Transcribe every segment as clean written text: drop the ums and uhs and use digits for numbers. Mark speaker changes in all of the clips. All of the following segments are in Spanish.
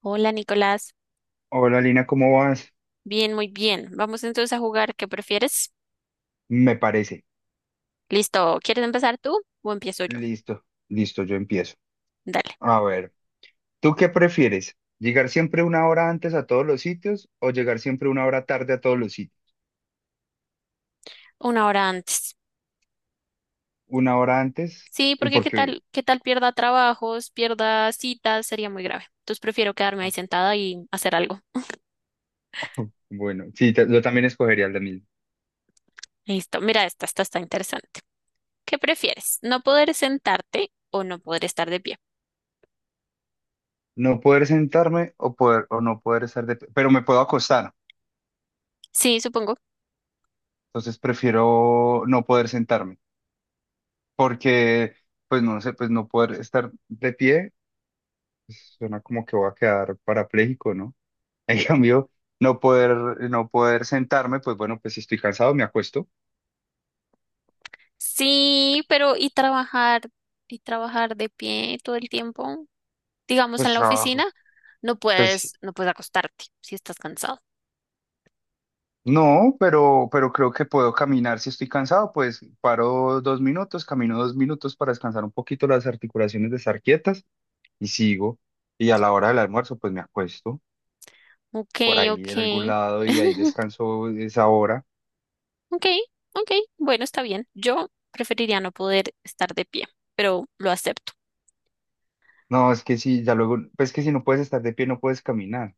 Speaker 1: Hola, Nicolás.
Speaker 2: Hola Lina, ¿cómo vas?
Speaker 1: Bien, muy bien. Vamos entonces a jugar, ¿qué prefieres?
Speaker 2: Me parece.
Speaker 1: Listo, ¿quieres empezar tú o empiezo yo?
Speaker 2: Listo, listo, yo empiezo.
Speaker 1: Dale,
Speaker 2: A ver, ¿tú qué prefieres? ¿Llegar siempre una hora antes a todos los sitios o llegar siempre una hora tarde a todos los sitios?
Speaker 1: una hora antes.
Speaker 2: Una hora antes,
Speaker 1: Sí, porque qué
Speaker 2: porque,
Speaker 1: tal, qué tal pierda trabajos, pierda citas, sería muy grave. Entonces prefiero quedarme ahí
Speaker 2: ah,
Speaker 1: sentada y hacer algo.
Speaker 2: bueno, sí, yo también escogería la misma.
Speaker 1: Listo, mira esta está interesante. ¿Qué prefieres? ¿No poder sentarte o no poder estar de pie?
Speaker 2: No poder sentarme o no poder estar de pie, pero me puedo acostar,
Speaker 1: Sí, supongo.
Speaker 2: entonces prefiero no poder sentarme, porque, pues no sé, pues no poder estar de pie, pues, suena como que voy a quedar parapléjico, ¿no? En cambio, no poder sentarme, pues bueno, pues si estoy cansado, me acuesto,
Speaker 1: Sí, pero ¿y trabajar? ¿Y trabajar de pie todo el tiempo? Digamos,
Speaker 2: pues
Speaker 1: en la
Speaker 2: trabajo.
Speaker 1: oficina, no
Speaker 2: Pues
Speaker 1: puedes, no puedes acostarte si estás cansado.
Speaker 2: no, pero creo que puedo caminar si estoy cansado, pues paro 2 minutos, camino 2 minutos para descansar un poquito las articulaciones de estar quietas y sigo. Y a la hora del almuerzo, pues me acuesto
Speaker 1: Ok,
Speaker 2: por ahí
Speaker 1: ok.
Speaker 2: en algún lado y ahí descanso esa hora.
Speaker 1: Ok, ok. Bueno, está bien. Yo preferiría no poder estar de pie, pero lo acepto.
Speaker 2: No, es que si ya luego, pues es que si no puedes estar de pie, no puedes caminar.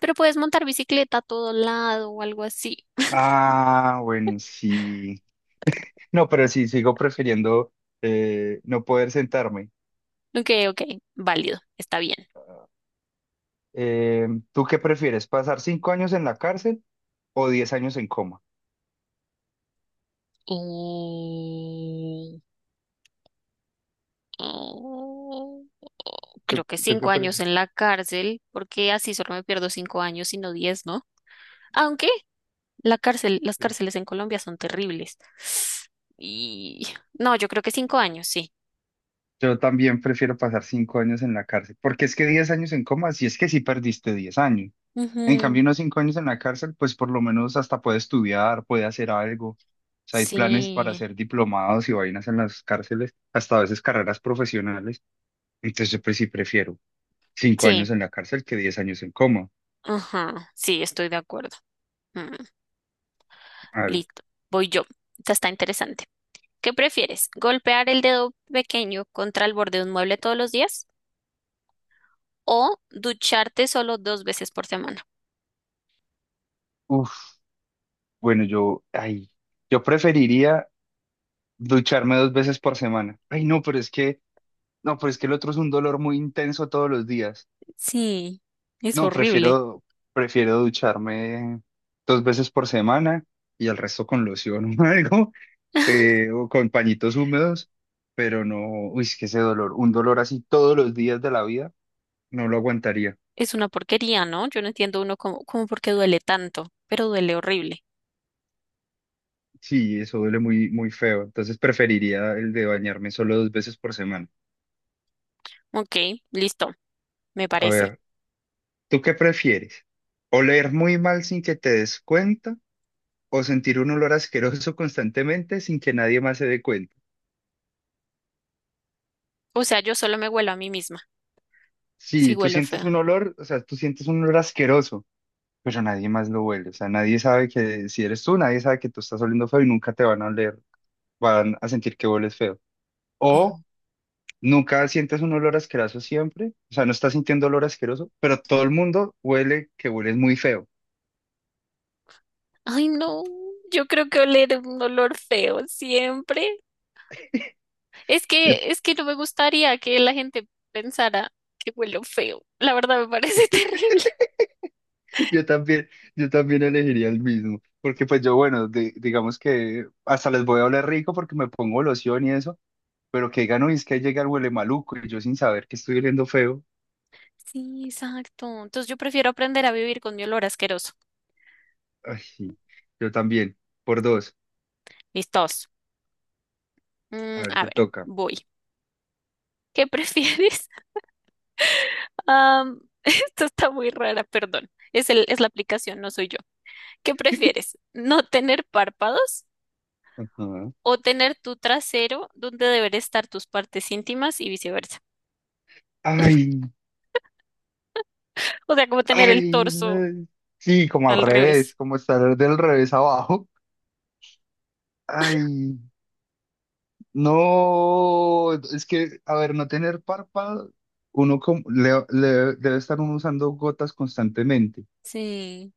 Speaker 1: Pero puedes montar bicicleta a todo lado o algo así.
Speaker 2: Ah, bueno, sí. No, pero sí, sigo prefiriendo no poder sentarme.
Speaker 1: Ok, ok. Válido. Está bien.
Speaker 2: ¿Tú qué prefieres? ¿Pasar 5 años en la cárcel o 10 años en coma?
Speaker 1: Y- y-
Speaker 2: ¿Tú-
Speaker 1: Creo que
Speaker 2: tú qué
Speaker 1: 5 años
Speaker 2: prefieres?
Speaker 1: en la cárcel, porque así solo me pierdo 5 años y no 10, ¿no? Aunque la cárcel, las cárceles en Colombia son terribles. Y no, yo creo que 5 años, sí.
Speaker 2: Yo también prefiero pasar 5 años en la cárcel, porque es que 10 años en coma, si es que sí perdiste 10 años. En
Speaker 1: Ujú,
Speaker 2: cambio, unos 5 años en la cárcel, pues por lo menos hasta puede estudiar, puede hacer algo. O sea, hay planes para
Speaker 1: sí,
Speaker 2: hacer diplomados y vainas en las cárceles, hasta a veces carreras profesionales. Entonces, yo, pues sí prefiero cinco
Speaker 1: sí,
Speaker 2: años en la cárcel que 10 años en coma.
Speaker 1: ajá, sí, estoy de acuerdo. Mm,
Speaker 2: A
Speaker 1: listo, voy yo. Esta está interesante. ¿Qué prefieres? ¿Golpear el dedo pequeño contra el borde de un mueble todos los días o ducharte solo dos veces por semana?
Speaker 2: Uf, bueno, yo preferiría ducharme 2 veces por semana. Ay, no, pero es que, no, pero es que el otro es un dolor muy intenso todos los días.
Speaker 1: Sí, es
Speaker 2: No,
Speaker 1: horrible.
Speaker 2: prefiero ducharme 2 veces por semana y el resto con loción o algo, o con pañitos húmedos, pero no, uy, es que ese dolor, un dolor así todos los días de la vida, no lo aguantaría.
Speaker 1: Es una porquería, ¿no? Yo no entiendo uno cómo por qué duele tanto, pero duele horrible.
Speaker 2: Sí, eso duele muy, muy feo. Entonces preferiría el de bañarme solo 2 veces por semana.
Speaker 1: Ok, listo, me
Speaker 2: A
Speaker 1: parece.
Speaker 2: ver. ¿Tú qué prefieres? ¿Oler muy mal sin que te des cuenta o sentir un olor asqueroso constantemente sin que nadie más se dé cuenta?
Speaker 1: O sea, yo solo me huelo a mí misma, si
Speaker 2: Sí, tú
Speaker 1: huelo
Speaker 2: sientes
Speaker 1: feo.
Speaker 2: un olor, o sea, tú sientes un olor asqueroso, pero nadie más lo huele, o sea, nadie sabe que si eres tú, nadie sabe que tú estás oliendo feo y nunca te van a oler, van a sentir que hueles feo. O
Speaker 1: Oh.
Speaker 2: nunca sientes un olor asqueroso siempre, o sea, no estás sintiendo olor asqueroso, pero todo el mundo huele que hueles muy feo.
Speaker 1: Ay, no, yo creo que oler un olor feo siempre. Es que no me gustaría que la gente pensara que huelo feo. La verdad me parece terrible.
Speaker 2: Yo también, yo también elegiría el mismo, porque pues yo, bueno, digamos que hasta les voy a oler rico porque me pongo loción y eso, pero que digan, uy, es que llega el huele maluco y yo sin saber que estoy oliendo feo.
Speaker 1: Sí, exacto. Entonces yo prefiero aprender a vivir con mi olor asqueroso.
Speaker 2: Ay, sí, yo también, por dos.
Speaker 1: Listos.
Speaker 2: A
Speaker 1: Mm,
Speaker 2: ver,
Speaker 1: a
Speaker 2: te
Speaker 1: ver,
Speaker 2: toca.
Speaker 1: voy. ¿Qué prefieres? Esto está muy rara, perdón. Es el, es la aplicación, no soy yo. ¿Qué prefieres? ¿No tener párpados
Speaker 2: Ajá.
Speaker 1: o tener tu trasero donde deber estar tus partes íntimas y viceversa?
Speaker 2: Ay,
Speaker 1: O sea, como tener el
Speaker 2: ay,
Speaker 1: torso
Speaker 2: no. Sí, como al
Speaker 1: al
Speaker 2: revés,
Speaker 1: revés.
Speaker 2: como estar del revés abajo. Ay. No, es que, a ver, no tener párpado, uno como, debe estar uno usando gotas constantemente.
Speaker 1: Sí,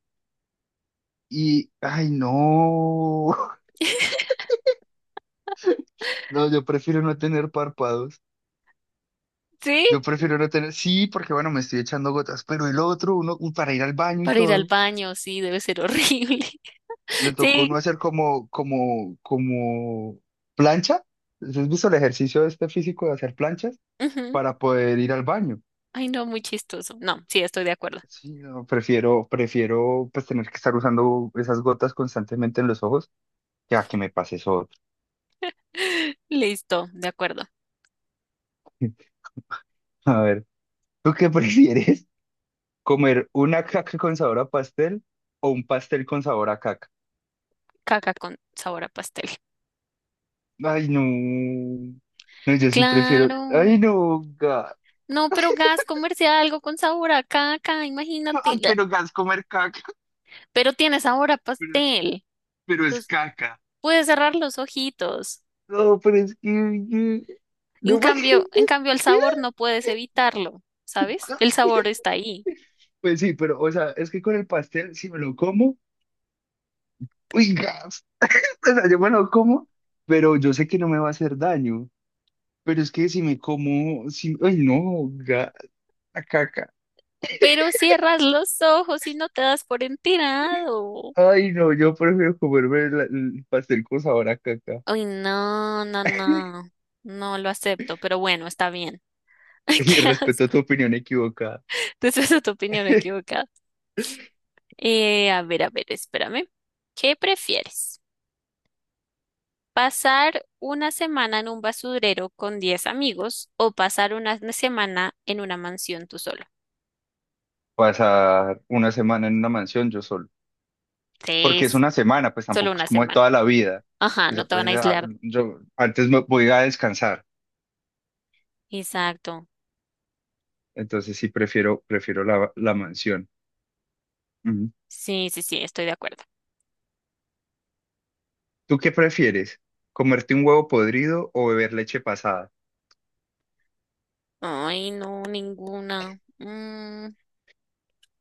Speaker 2: Ay, no, no, yo prefiero no tener párpados.
Speaker 1: sí,
Speaker 2: Yo prefiero no tener, sí, porque bueno, me estoy echando gotas, pero el otro, uno, para ir al baño y
Speaker 1: para ir al
Speaker 2: todo,
Speaker 1: baño, sí, debe ser horrible.
Speaker 2: le tocó
Speaker 1: Sí.
Speaker 2: uno hacer como plancha. ¿Has visto el ejercicio este físico de hacer planchas
Speaker 1: Ujú.
Speaker 2: para poder ir al baño?
Speaker 1: Ay, no, muy chistoso. No, sí, estoy de acuerdo.
Speaker 2: Sí, no, prefiero pues tener que estar usando esas gotas constantemente en los ojos, ya que me pases eso.
Speaker 1: Listo, de acuerdo.
Speaker 2: A ver, ¿tú qué prefieres? ¿Comer una caca con sabor a pastel o un pastel con sabor a caca?
Speaker 1: Caca con sabor a pastel.
Speaker 2: Ay, no. No, yo sí prefiero.
Speaker 1: Claro.
Speaker 2: Ay, no, gas.
Speaker 1: No, pero gas, comerse algo con sabor a caca, imagínate.
Speaker 2: Ay,
Speaker 1: Bla.
Speaker 2: pero gas comer caca,
Speaker 1: Pero tiene sabor a
Speaker 2: pero,
Speaker 1: pastel.
Speaker 2: pero es
Speaker 1: Entonces,
Speaker 2: caca.
Speaker 1: puedes cerrar los ojitos.
Speaker 2: No, pero es que.
Speaker 1: En
Speaker 2: No me...
Speaker 1: cambio, en cambio el sabor no puedes evitarlo, ¿sabes? El sabor está ahí.
Speaker 2: Pues sí, pero, o sea, es que con el pastel, si me lo como, uy, gas. O sea, yo me lo como, pero yo sé que no me va a hacer daño. Pero es que si me como, si, ay no, la caca.
Speaker 1: Pero cierras los ojos y no te das por enterado.
Speaker 2: Ay no, yo prefiero comerme el pastel con sabor a caca.
Speaker 1: Ay, no, no, no. No lo acepto, pero bueno, está bien. Ay,
Speaker 2: Y
Speaker 1: qué
Speaker 2: respeto
Speaker 1: asco.
Speaker 2: tu opinión equivocada.
Speaker 1: Entonces esa es tu opinión equivocada. A ver, espérame. ¿Qué prefieres? ¿Pasar una semana en un basurero con 10 amigos o pasar una semana en una mansión tú solo?
Speaker 2: Pasar una semana en una mansión yo solo. Porque es
Speaker 1: Tres,
Speaker 2: una semana, pues
Speaker 1: solo
Speaker 2: tampoco es
Speaker 1: una
Speaker 2: como de toda
Speaker 1: semana.
Speaker 2: la vida.
Speaker 1: Ajá,
Speaker 2: O
Speaker 1: no
Speaker 2: sea,
Speaker 1: te van
Speaker 2: pues
Speaker 1: a
Speaker 2: ya,
Speaker 1: aislar.
Speaker 2: yo antes me voy a descansar.
Speaker 1: Exacto.
Speaker 2: Entonces sí prefiero, la mansión. Ujú.
Speaker 1: Sí, sí, sí, estoy de acuerdo.
Speaker 2: ¿Tú qué prefieres? ¿Comerte un huevo podrido o beber leche pasada?
Speaker 1: Ay, no, ninguna. Mm,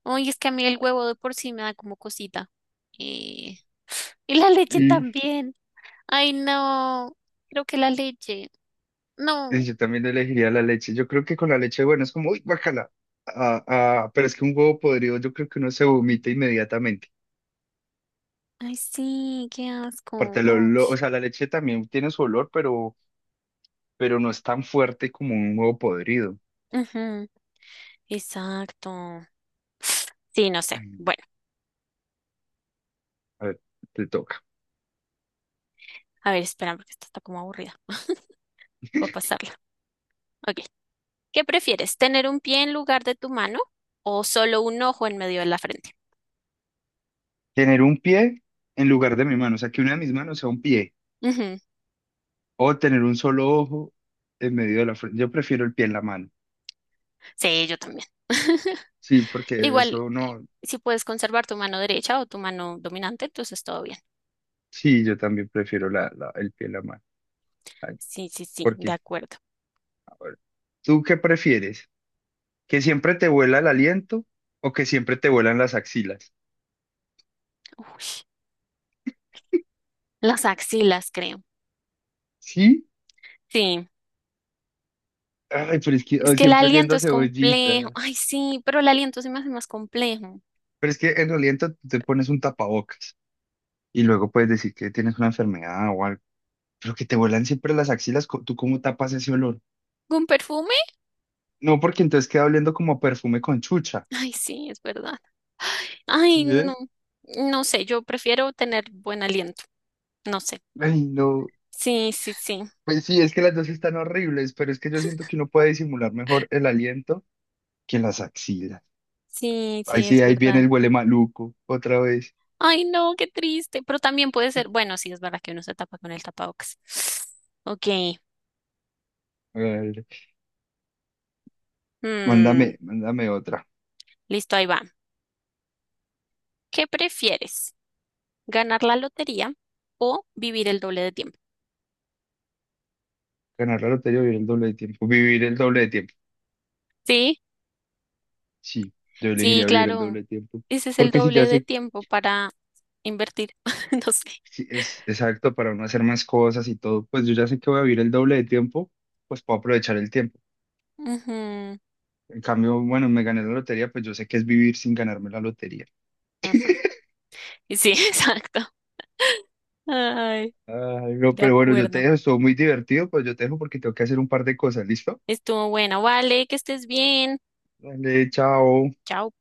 Speaker 1: ay, es que a mí el huevo de por sí me da como cosita. Eh, Y la leche
Speaker 2: Y,
Speaker 1: también. Ay, no. Creo que la leche.
Speaker 2: y
Speaker 1: No.
Speaker 2: yo también elegiría la leche. Yo creo que con la leche, bueno, es como, uy, guácala. Pero es que un huevo podrido, yo creo que uno se vomita inmediatamente.
Speaker 1: Ay, sí, qué asco.
Speaker 2: Aparte, el
Speaker 1: Oh,
Speaker 2: olor, o sea, la leche también tiene su olor, pero no es tan fuerte como un huevo podrido.
Speaker 1: ujú, exacto. Sí, no sé.
Speaker 2: Em,
Speaker 1: Bueno,
Speaker 2: A ver, te toca.
Speaker 1: a ver, espera, porque esta está como aburrida. Voy a pasarla. Ok. ¿Qué prefieres? ¿Tener un pie en lugar de tu mano o solo un ojo en medio de la frente?
Speaker 2: Tener un pie en lugar de mi mano, o sea, que una de mis manos sea un pie.
Speaker 1: Ujú.
Speaker 2: O tener un solo ojo en medio de la frente. Yo prefiero el pie en la mano.
Speaker 1: Sí, yo también.
Speaker 2: Sí, porque
Speaker 1: Igual,
Speaker 2: eso no.
Speaker 1: si puedes conservar tu mano derecha o tu mano dominante, entonces todo bien.
Speaker 2: Sí, yo también prefiero el pie en la mano. Ay,
Speaker 1: Sí, sí, sí, de
Speaker 2: porque
Speaker 1: acuerdo.
Speaker 2: bueno, ¿tú qué prefieres? ¿Que siempre te vuela el aliento o que siempre te vuelan las axilas?
Speaker 1: Uy, las axilas, creo.
Speaker 2: ¿Sí?
Speaker 1: Sí,
Speaker 2: Ay, pero es que
Speaker 1: es
Speaker 2: ay,
Speaker 1: que el
Speaker 2: siempre oliendo
Speaker 1: aliento
Speaker 2: a
Speaker 1: es complejo.
Speaker 2: cebollita.
Speaker 1: Ay, sí, pero el aliento se me hace más complejo.
Speaker 2: Pero es que en el aliento tú te pones un tapabocas y luego puedes decir que tienes una enfermedad o algo. Pero que te vuelan siempre las axilas, ¿tú cómo tapas ese olor?
Speaker 1: ¿Un perfume?
Speaker 2: No, porque entonces queda oliendo como a perfume con chucha.
Speaker 1: Ay, sí, es verdad. Ay,
Speaker 2: ¿Sí
Speaker 1: no,
Speaker 2: es?
Speaker 1: no sé, yo prefiero tener buen aliento. No sé.
Speaker 2: Ay, no.
Speaker 1: Sí, sí, sí.
Speaker 2: Pues sí, es que las dos están horribles, pero es que yo siento que uno puede disimular mejor el aliento que las axilas.
Speaker 1: Sí, sí,
Speaker 2: Ahí
Speaker 1: es
Speaker 2: sí, ahí viene
Speaker 1: verdad.
Speaker 2: el huele maluco, otra vez.
Speaker 1: Ay, no, qué triste. Pero también puede ser, bueno, sí, es verdad que uno se tapa con el tapabocas. Ok.
Speaker 2: A ver,
Speaker 1: Mm,
Speaker 2: mándame otra.
Speaker 1: listo, ahí va. ¿Qué prefieres? ¿Ganar la lotería o vivir el doble de tiempo?
Speaker 2: Ganar la lotería o vivir el doble de tiempo. Vivir el doble de tiempo.
Speaker 1: Sí,
Speaker 2: Sí, yo
Speaker 1: sí,
Speaker 2: elegiría vivir el
Speaker 1: claro.
Speaker 2: doble de tiempo.
Speaker 1: Ese es el
Speaker 2: Porque si ya
Speaker 1: doble de
Speaker 2: sé,
Speaker 1: tiempo para invertir. No sé.
Speaker 2: si es exacto para uno hacer más cosas y todo, pues yo ya sé que voy a vivir el doble de tiempo, pues puedo aprovechar el tiempo.
Speaker 1: Ujú,
Speaker 2: En cambio, bueno, me gané la lotería, pues yo sé que es vivir sin ganarme la lotería.
Speaker 1: ujú. Y sí, exacto. Ay,
Speaker 2: Ay, no,
Speaker 1: de
Speaker 2: pero bueno, yo te
Speaker 1: acuerdo.
Speaker 2: dejo, estuvo muy divertido, pues yo te dejo porque tengo que hacer un par de cosas, ¿listo?
Speaker 1: Estuvo bueno. Vale, que estés bien.
Speaker 2: Dale, chao.
Speaker 1: Chao.